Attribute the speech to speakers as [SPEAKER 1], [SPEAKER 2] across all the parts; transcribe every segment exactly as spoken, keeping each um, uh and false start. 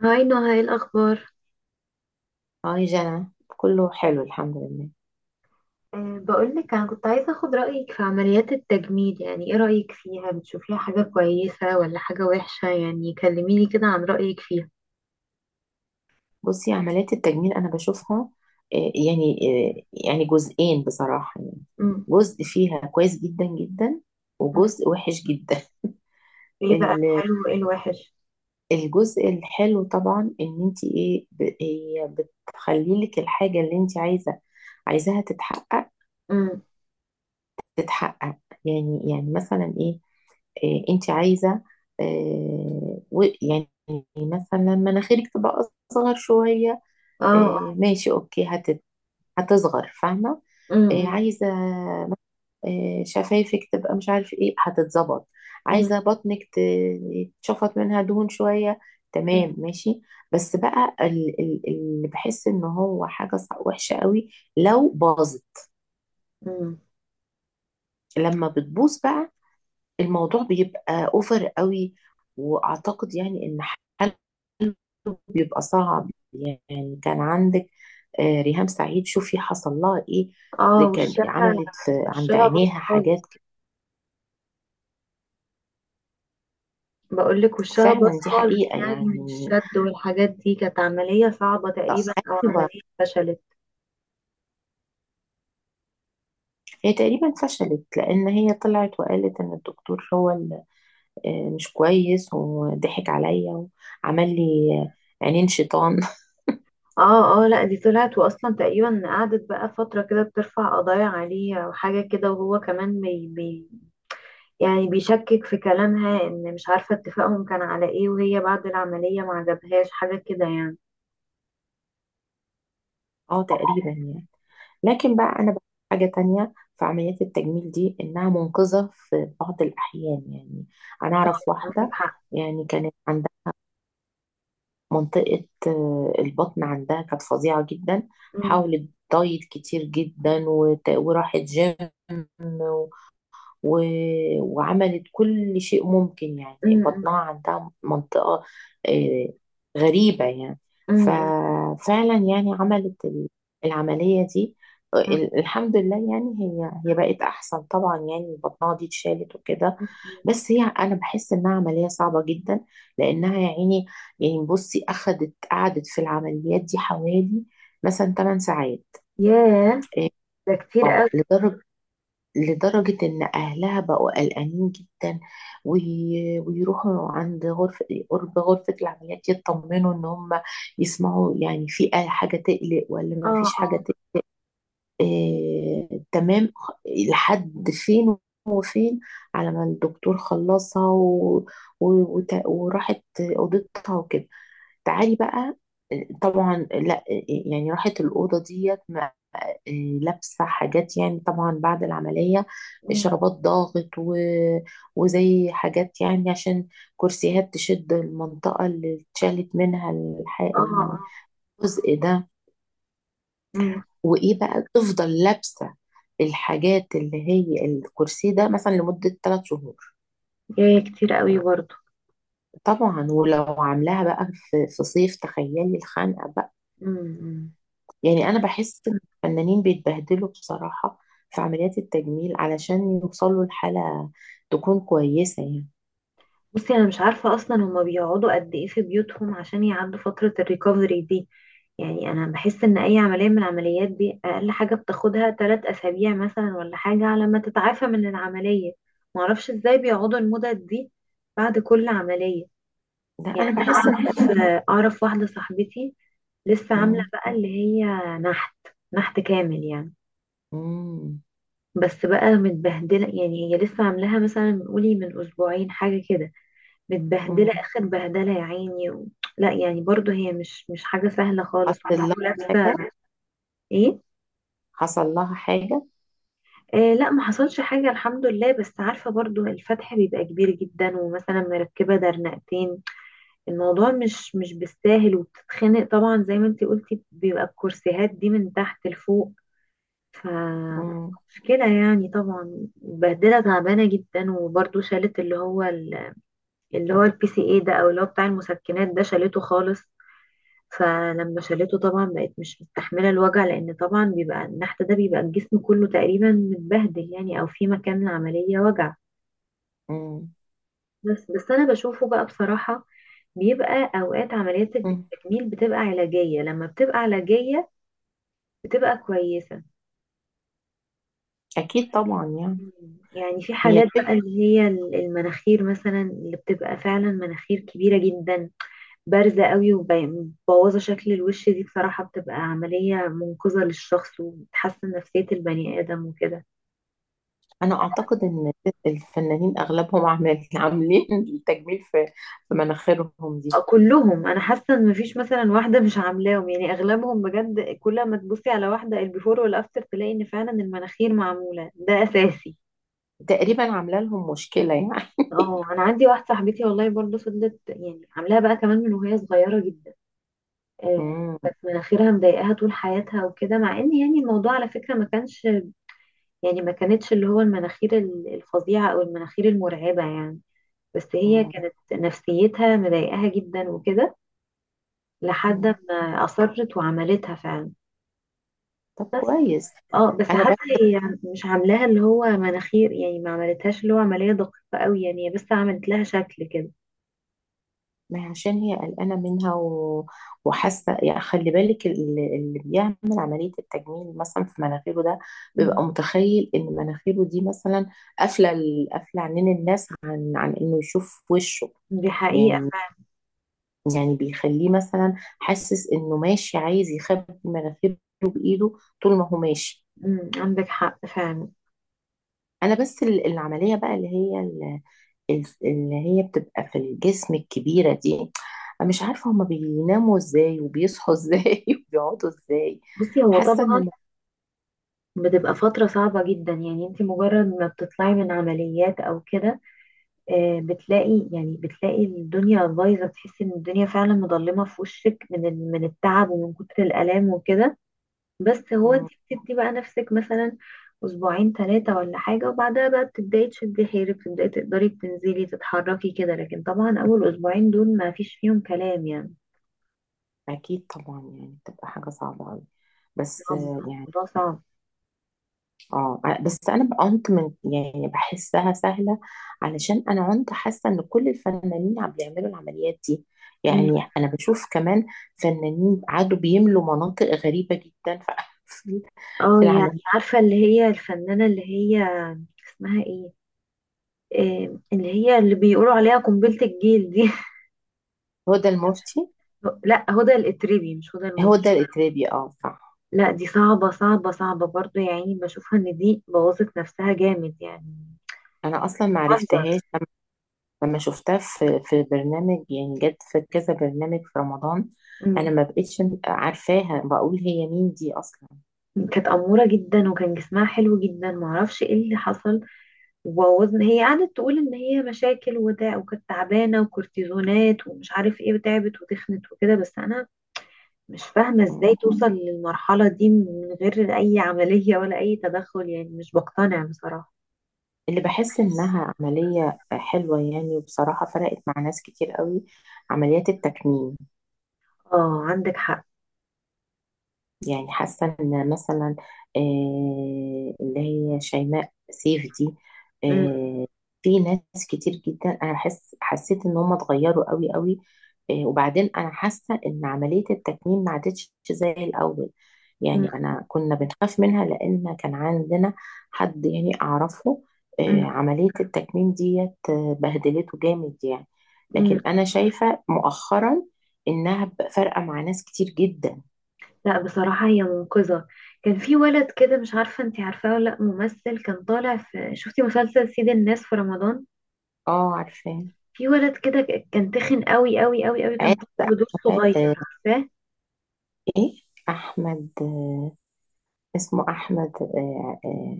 [SPEAKER 1] هاي نهى، ايه الأخبار؟
[SPEAKER 2] هاي جنى. كله حلو، الحمد لله.
[SPEAKER 1] أه بقولك أنا كنت عايزة أخد رأيك في عمليات التجميل. يعني ايه رأيك فيها؟ بتشوفيها حاجة كويسة ولا حاجة وحشة؟ يعني كلميني كده عن رأيك فيها.
[SPEAKER 2] بصي، عمليات التجميل انا بشوفها آه، يعني آه، يعني جزئين بصراحة، يعني
[SPEAKER 1] امم
[SPEAKER 2] جزء فيها كويس جدا جدا
[SPEAKER 1] مم.
[SPEAKER 2] وجزء وحش جدا.
[SPEAKER 1] ايه بقى
[SPEAKER 2] ال-
[SPEAKER 1] الحلو وايه الوحش؟
[SPEAKER 2] الجزء الحلو طبعا ان انت ايه ب- هي بتخلي لك الحاجة اللي انت عايزة، عايزاها تتحقق
[SPEAKER 1] امم
[SPEAKER 2] تتحقق يعني يعني مثلا ايه, إيه انت عايزة. آه، و- يعني مثلا مناخيرك تبقى اصغر شوية،
[SPEAKER 1] اه
[SPEAKER 2] آه، ماشي اوكي هت- هتصغر، فاهمة. آه،
[SPEAKER 1] امم
[SPEAKER 2] عايزة آه، شفايفك تبقى مش عارف ايه، هتتظبط.
[SPEAKER 1] امم
[SPEAKER 2] عايزة بطنك ت- يتشفط منها دهون شوية، تمام ماشي. بس بقى ال- ال- اللي بحس ان هو حاجة صع- وحشة قوي، لو باظت. لما بتبوظ بقى الموضوع بيبقى اوفر قوي، واعتقد يعني ان حله بيبقى صعب. يعني كان عندك آه، ريهام سعيد، شوفي حصل لها ايه. ده
[SPEAKER 1] اه،
[SPEAKER 2] كان
[SPEAKER 1] وشها.
[SPEAKER 2] عملت في عند
[SPEAKER 1] وشها باظ
[SPEAKER 2] عينيها حاجات
[SPEAKER 1] خالص.
[SPEAKER 2] ك-
[SPEAKER 1] بقولك وشها باظ
[SPEAKER 2] فعلا، دي
[SPEAKER 1] خالص،
[SPEAKER 2] حقيقة
[SPEAKER 1] يعني من
[SPEAKER 2] يعني.
[SPEAKER 1] الشد والحاجات دي. كانت عملية صعبة
[SPEAKER 2] طب
[SPEAKER 1] تقريبا أو
[SPEAKER 2] ايوه،
[SPEAKER 1] عملية فشلت.
[SPEAKER 2] هي تقريبا فشلت لان هي طلعت وقالت ان الدكتور هو اللي آه، مش كويس وضحك عليا وعمل لي آه، عينين شيطان
[SPEAKER 1] اه اه، لا دي طلعت، واصلا تقريبا قعدت بقى فترة كده بترفع قضايا عليه او حاجة كده، وهو كمان بي بي يعني بيشكك في كلامها. ان مش عارفة اتفاقهم كان على ايه، وهي بعد العملية ما عجبهاش حاجة كده يعني.
[SPEAKER 2] اه تقريبا يعني. لكن بقى انا بقى حاجه تانية في عمليات التجميل دي، انها منقذه في بعض الاحيان يعني. انا
[SPEAKER 1] اه،
[SPEAKER 2] اعرف
[SPEAKER 1] عندك
[SPEAKER 2] واحده
[SPEAKER 1] حق.
[SPEAKER 2] يعني كانت عندها منطقه آه، البطن عندها كانت فظيعه جدا.
[SPEAKER 1] أمم،
[SPEAKER 2] حاولت دايت كتير جدا، وت- وراحت جيم و... وعملت كل شيء ممكن. يعني
[SPEAKER 1] أمم،
[SPEAKER 2] بطنها عندها منطقة آه، غريبة يعني.
[SPEAKER 1] أمم،
[SPEAKER 2] ففعلا يعني عملت ال- العملية دي، آه،
[SPEAKER 1] أمم،
[SPEAKER 2] ال- الحمد لله يعني، هي هي بقت أحسن طبعا، يعني بطنها دي اتشالت وكده.
[SPEAKER 1] أمم.
[SPEAKER 2] بس هي أنا بحس إنها عملية صعبة جدا، لأنها يا عيني يعني بصي، أخدت قعدت في العمليات دي حوالي مثلا 8 ساعات.
[SPEAKER 1] ياه،
[SPEAKER 2] اه،
[SPEAKER 1] ده كتير قوي.
[SPEAKER 2] آه، لدرجة لدرجة إن أهلها بقوا قلقانين جدا، وي- ويروحوا عند غرفة قرب غرفة العمليات يطمنوا إن هم يسمعوا يعني في أي حاجة تقلق ولا ما فيش
[SPEAKER 1] اه
[SPEAKER 2] حاجة
[SPEAKER 1] اه.
[SPEAKER 2] تقلق. آه تمام. لحد فين وفين، على ما الدكتور خلصها و... و... وت... وراحت أوضتها وكده. تعالي بقى، آه، طبعا لا، آه، يعني راحت الأوضة ديت آه، لابسة حاجات، يعني طبعا بعد العملية،
[SPEAKER 1] أمم،
[SPEAKER 2] شرابات ضاغط و... وزي حاجات يعني، عشان كرسيات تشد المنطقة اللي اتشالت منها الح...
[SPEAKER 1] اه اه.
[SPEAKER 2] الجزء ده.
[SPEAKER 1] أمم.
[SPEAKER 2] وإيه بقى، تفضل لابسة الحاجات اللي هي الكرسي ده مثلا لمدة ثلاث شهور.
[SPEAKER 1] ياه، كتير قوي برضه.
[SPEAKER 2] طبعا ولو عاملاها بقى في في صيف، تخيلي الخنقة بقى.
[SPEAKER 1] أمم. إمم.
[SPEAKER 2] يعني انا بحس ان الفنانين بيتبهدلوا بصراحة في عمليات التجميل علشان يوصلوا لحالة تكون كويسة يعني.
[SPEAKER 1] بصي انا مش عارفه اصلا هما بيقعدوا قد ايه في بيوتهم عشان يعدوا فتره الريكفري دي. يعني انا بحس ان اي عمليه من العمليات دي اقل حاجه بتاخدها ثلاث اسابيع مثلا ولا حاجه على ما تتعافى من العمليه. معرفش ازاي بيقعدوا المدد دي بعد كل عمليه.
[SPEAKER 2] لا
[SPEAKER 1] يعني
[SPEAKER 2] انا
[SPEAKER 1] انا
[SPEAKER 2] بحس ان
[SPEAKER 1] اعرف اعرف واحده صاحبتي لسه عامله
[SPEAKER 2] مم.
[SPEAKER 1] بقى اللي هي نحت. نحت كامل يعني.
[SPEAKER 2] مم.
[SPEAKER 1] بس بقى متبهدله، يعني هي لسه عاملاها مثلا قولي من اسبوعين حاجه كده.
[SPEAKER 2] مم.
[SPEAKER 1] متبهدله اخر بهدله يا عيني و... لا يعني برضو هي مش مش حاجه سهله خالص
[SPEAKER 2] حصل لها حاجة،
[SPEAKER 1] ولابسه. ايه؟
[SPEAKER 2] حصل لها حاجة؟
[SPEAKER 1] آه لا، ما حصلش حاجة الحمد لله. بس عارفة برضو الفتح بيبقى كبير جدا، ومثلا مركبة درنقتين. الموضوع مش مش بالساهل، وبتتخنق طبعا زي ما انتي قلتي. بيبقى الكرسيهات دي من تحت لفوق. ف
[SPEAKER 2] مم.
[SPEAKER 1] مشكلة يعني. طبعا بهدلة تعبانة جدا. وبرضو شالت اللي هو ال- اللي هو البي سي اي ده، او اللي هو بتاع المسكنات ده، شالته خالص. فلما شالته طبعا بقت مش مستحملة الوجع، لأن طبعا بيبقى النحت ده، بيبقى الجسم كله تقريبا متبهدل يعني، أو في مكان العملية وجع.
[SPEAKER 2] مم.
[SPEAKER 1] بس بس أنا بشوفه بقى بصراحة، بيبقى أوقات عمليات
[SPEAKER 2] مم.
[SPEAKER 1] التجميل بتبقى علاجية. لما بتبقى علاجية بتبقى كويسة.
[SPEAKER 2] اكيد طبعا يعني،
[SPEAKER 1] مم. يعني في
[SPEAKER 2] هي
[SPEAKER 1] حالات بقى
[SPEAKER 2] الفكرة.
[SPEAKER 1] اللي هي المناخير مثلا، اللي بتبقى فعلا مناخير كبيرة جدا، بارزة قوي، ومبوظة شكل الوش، دي بصراحة بتبقى عملية منقذة للشخص، وبتحسن نفسية البني آدم وكده.
[SPEAKER 2] انا اعتقد ان الفنانين اغلبهم عامل- عاملين التجميل في في مناخيرهم
[SPEAKER 1] آه،
[SPEAKER 2] دي.
[SPEAKER 1] كلهم. أنا حاسة إن مفيش مثلا واحدة مش عاملاهم، يعني أغلبهم بجد. كل ما تبصي على واحدة البيفور والأفتر تلاقي إن فعلا المناخير معمولة. ده أساسي.
[SPEAKER 2] تقريبا عامله لهم مشكلة يعني.
[SPEAKER 1] اه، انا عندي واحده صاحبتي والله برضه فضلت، يعني عاملاها بقى كمان من وهي صغيره جدا. آه،
[SPEAKER 2] مم.
[SPEAKER 1] كانت مناخيرها مضايقاها طول حياتها وكده. مع ان يعني الموضوع على فكره ما كانش، يعني ما كانتش اللي هو المناخير ال- الفظيعة أو المناخير المرعبة يعني. بس هي
[SPEAKER 2] مم.
[SPEAKER 1] كانت نفسيتها مضايقاها جدا وكده، لحد
[SPEAKER 2] مم.
[SPEAKER 1] ما أصرت وعملتها فعلا.
[SPEAKER 2] طب
[SPEAKER 1] بس
[SPEAKER 2] كويس.
[SPEAKER 1] اه، بس
[SPEAKER 2] انا
[SPEAKER 1] حتى
[SPEAKER 2] بس،
[SPEAKER 1] هي مش عاملاها اللي هو مناخير، يعني ما عملتهاش اللي هو عملية دقيقة قوي. يعني هي بس عملت لها شكل كده.
[SPEAKER 2] ما هي عشان هي قلقانة منها و... وحاسة يعني، خلي بالك ال- اللي بيعمل عملية التجميل مثلا في مناخيره ده
[SPEAKER 1] مم.
[SPEAKER 2] بيبقى متخيل إن مناخيره دي مثلا قافلة ال- قافلة عنين الناس، عن عن إنه يشوف وشه
[SPEAKER 1] دي حقيقة
[SPEAKER 2] يعني
[SPEAKER 1] فعلا.
[SPEAKER 2] يعني بيخليه مثلا حاسس إنه ماشي عايز يخبي مناخيره بإيده طول ما هو ماشي.
[SPEAKER 1] مم، عندك حق فعلا.
[SPEAKER 2] أنا بس ال- العملية بقى اللي هي الس- اللي هي بتبقى في الجسم الكبيرة دي، أنا مش عارفة هما بيناموا ازاي وبيصحوا ازاي وبيقعدوا ازاي.
[SPEAKER 1] بصي هو
[SPEAKER 2] حاسة ان
[SPEAKER 1] طبعا
[SPEAKER 2] الم-
[SPEAKER 1] بتبقى فترة صعبة جدا. يعني انت مجرد ما بتطلعي من عمليات او كده، آه، بتلاقي، يعني بتلاقي الدنيا بايظه. تحس ان الدنيا فعلا مظلمه في وشك، من ال- من التعب ومن كتر الالام وكده. بس هو انت
[SPEAKER 2] مم،
[SPEAKER 1] بتدي بقى نفسك مثلا اسبوعين ثلاثه ولا حاجه، وبعدها بقى بتبداي تشدي حيلك، بتبداي تقدري تنزلي تتحركي كده. لكن طبعا اول اسبوعين دول ما فيش فيهم كلام يعني.
[SPEAKER 2] أكيد طبعا، يعني بتبقى حاجة صعبة أوي. بس
[SPEAKER 1] صعب،
[SPEAKER 2] آه، يعني
[SPEAKER 1] الموضوع صعب.
[SPEAKER 2] اه، بس أنا عنت من يعني بحسها سهلة، علشان أنا عنت حاسة ان كل الفنانين عم بيعملوا العمليات دي
[SPEAKER 1] مم.
[SPEAKER 2] يعني. أنا بشوف كمان فنانين قعدوا بيملوا مناطق غريبة جدا في
[SPEAKER 1] اه
[SPEAKER 2] في
[SPEAKER 1] يعني،
[SPEAKER 2] العملية.
[SPEAKER 1] عارفه اللي هي الفنانه اللي هي اسمها ايه؟ آه، اللي هي اللي بيقولوا عليها قنبله الجيل دي
[SPEAKER 2] هدى المفتي.
[SPEAKER 1] لا، هدى الاتربي، مش هدى
[SPEAKER 2] هو
[SPEAKER 1] المفتي.
[SPEAKER 2] ده الإتربي، اه صح.
[SPEAKER 1] لا دي صعبة صعبة صعبة برضو يا عيني، بشوفها ان دي بوظت نفسها جامد يعني.
[SPEAKER 2] انا اصلا ما
[SPEAKER 1] منظر.
[SPEAKER 2] عرفتهاش، لما لما شفتها في في برنامج، يعني جت في كذا برنامج في رمضان. انا
[SPEAKER 1] مم.
[SPEAKER 2] ما بقتش عارفاها، بقول هي مين دي اصلا.
[SPEAKER 1] كانت أمورة جدا، وكان جسمها حلو جدا. معرفش ايه اللي حصل وبوظنا. هي قعدت تقول ان هي مشاكل وده، وكانت تعبانة، وكورتيزونات ومش عارف ايه، وتعبت وتخنت وكده. بس انا مش فاهمة
[SPEAKER 2] مم.
[SPEAKER 1] ازاي توصل للمرحلة دي من غير اي عملية ولا اي تدخل يعني. مش بقتنع بصراحة.
[SPEAKER 2] اللي بحس انها عملية حلوة يعني وبصراحة فرقت مع ناس كتير قوي، عمليات التكميم.
[SPEAKER 1] اه، عندك حق.
[SPEAKER 2] يعني حاسة ان مثلا آه، اللي هي شيماء سيف دي.
[SPEAKER 1] مم.
[SPEAKER 2] آه، في ناس كتير جدا انا حس حسيت ان هم اتغيروا قوي قوي. آه، وبعدين انا حاسة ان عملية التكميم ما عادتش زي الاول يعني. انا كنا بنخاف منها، لان كان عندنا حد يعني اعرفه
[SPEAKER 1] مم.
[SPEAKER 2] آه، عملية التكميم ديت آه، بهدلته جامد يعني.
[SPEAKER 1] مم.
[SPEAKER 2] لكن انا شايفة مؤخرا انها بقى فارقة مع ناس كتير جدا.
[SPEAKER 1] لا بصراحة هي منقذة. كان في ولد كده، مش عارفة انتي عارفاه ولا لأ، ممثل كان طالع في، شفتي مسلسل سيد الناس في رمضان؟
[SPEAKER 2] اه عارفة.
[SPEAKER 1] في ولد كده ك- كان تخن قوي قوي قوي قوي. كان
[SPEAKER 2] عارف
[SPEAKER 1] طالع بدور صغير.
[SPEAKER 2] أحمد آه،
[SPEAKER 1] عارفاه؟
[SPEAKER 2] ايه، احمد آه، اسمه احمد آه، آه،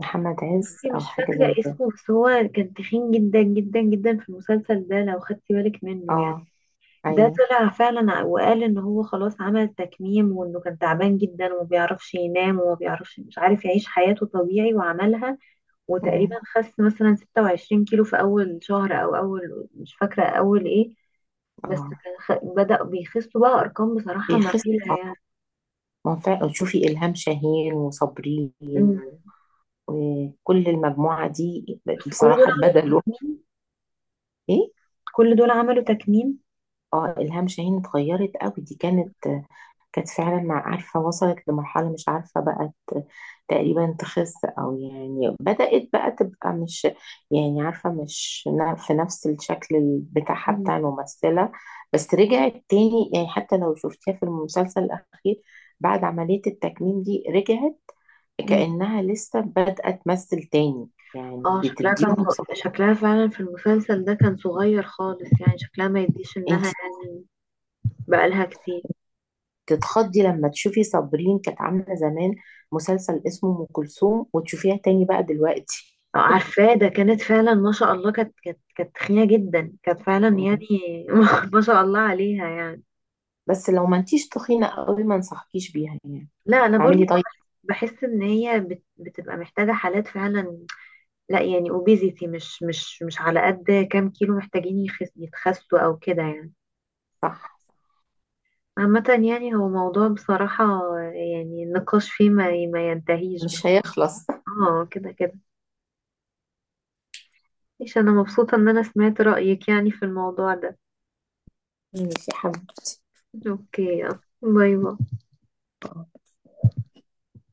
[SPEAKER 2] محمد عز
[SPEAKER 1] بصي
[SPEAKER 2] او
[SPEAKER 1] مش
[SPEAKER 2] حاجه
[SPEAKER 1] فاكرة
[SPEAKER 2] زي كده.
[SPEAKER 1] اسمه، بس هو كان تخين جدا جدا جدا في المسلسل ده لو خدتي بالك منه يعني.
[SPEAKER 2] اه
[SPEAKER 1] ده
[SPEAKER 2] ايوه،
[SPEAKER 1] طلع فعلا ع- وقال ان هو خلاص عمل تكميم، وانه كان تعبان جدا وما بيعرفش ينام، وما بيعرفش مش عارف يعيش حياته طبيعي، وعملها. وتقريبا
[SPEAKER 2] أمم،
[SPEAKER 1] خس مثلا ستة وعشرين كيلو في اول شهر، او اول مش فاكره اول ايه. بس
[SPEAKER 2] اه.
[SPEAKER 1] كان خ... بدأ بيخسوا بقى ارقام بصراحه
[SPEAKER 2] في قصه،
[SPEAKER 1] مخيفه
[SPEAKER 2] آه،
[SPEAKER 1] يعني.
[SPEAKER 2] ما فا- شوفي الهام شاهين وصابرين
[SPEAKER 1] مم.
[SPEAKER 2] و- وكل المجموعه دي
[SPEAKER 1] بس كل دول
[SPEAKER 2] بصراحه
[SPEAKER 1] عملوا
[SPEAKER 2] اتبدلوا.
[SPEAKER 1] تكميم.
[SPEAKER 2] ايه.
[SPEAKER 1] كل دول عملوا تكميم.
[SPEAKER 2] اه الهام شاهين اتغيرت قوي، دي كانت كانت فعلا مع عارفة وصلت لمرحلة مش عارفة، بقت تقريبا تخس، أو يعني بدأت بقى تبقى مش، يعني عارفة، مش نا- في نفس الشكل ال- بتاعها
[SPEAKER 1] مم.
[SPEAKER 2] بتاع الممثلة. بس رجعت تاني يعني، حتى لو شفتيها في المسلسل الأخير بعد عملية التكميم دي، رجعت
[SPEAKER 1] مم.
[SPEAKER 2] كأنها لسه بادئة تمثل تاني يعني.
[SPEAKER 1] اه شكلها كان
[SPEAKER 2] بتديهم ص-
[SPEAKER 1] ص- شكلها فعلا في المسلسل ده كان صغير خالص يعني. شكلها ما يديش انها،
[SPEAKER 2] انت
[SPEAKER 1] يعني بقالها كتير.
[SPEAKER 2] تتخضي لما تشوفي صابرين كانت عاملة زمان مسلسل اسمه أم كلثوم، وتشوفيها تاني بقى دلوقتي.
[SPEAKER 1] آه، عارفاه ده. كانت فعلا ما شاء الله، كانت كانت كانت تخينة جدا، كانت فعلا
[SPEAKER 2] مم.
[SPEAKER 1] يعني ما شاء الله عليها يعني.
[SPEAKER 2] بس لو ما انتيش تخينة قوي ما انصحكيش بيها يعني،
[SPEAKER 1] لا انا برضو
[SPEAKER 2] اعملي دايت.
[SPEAKER 1] بحس، بحس ان هي بت- بتبقى محتاجه حالات فعلا. لا يعني اوبيزيتي، مش مش مش على قد كام كيلو محتاجين يخس يتخسوا او كده يعني.
[SPEAKER 2] صح،
[SPEAKER 1] عامة يعني، هو موضوع بصراحة، يعني النقاش فيه ما ما ينتهيش. بس
[SPEAKER 2] مش هيخلص.
[SPEAKER 1] اه كده كده. مش، انا مبسوطة ان انا سمعت رأيك يعني في الموضوع ده.
[SPEAKER 2] ماشي يا حبيبتي.
[SPEAKER 1] اوكي يلا. باي باي.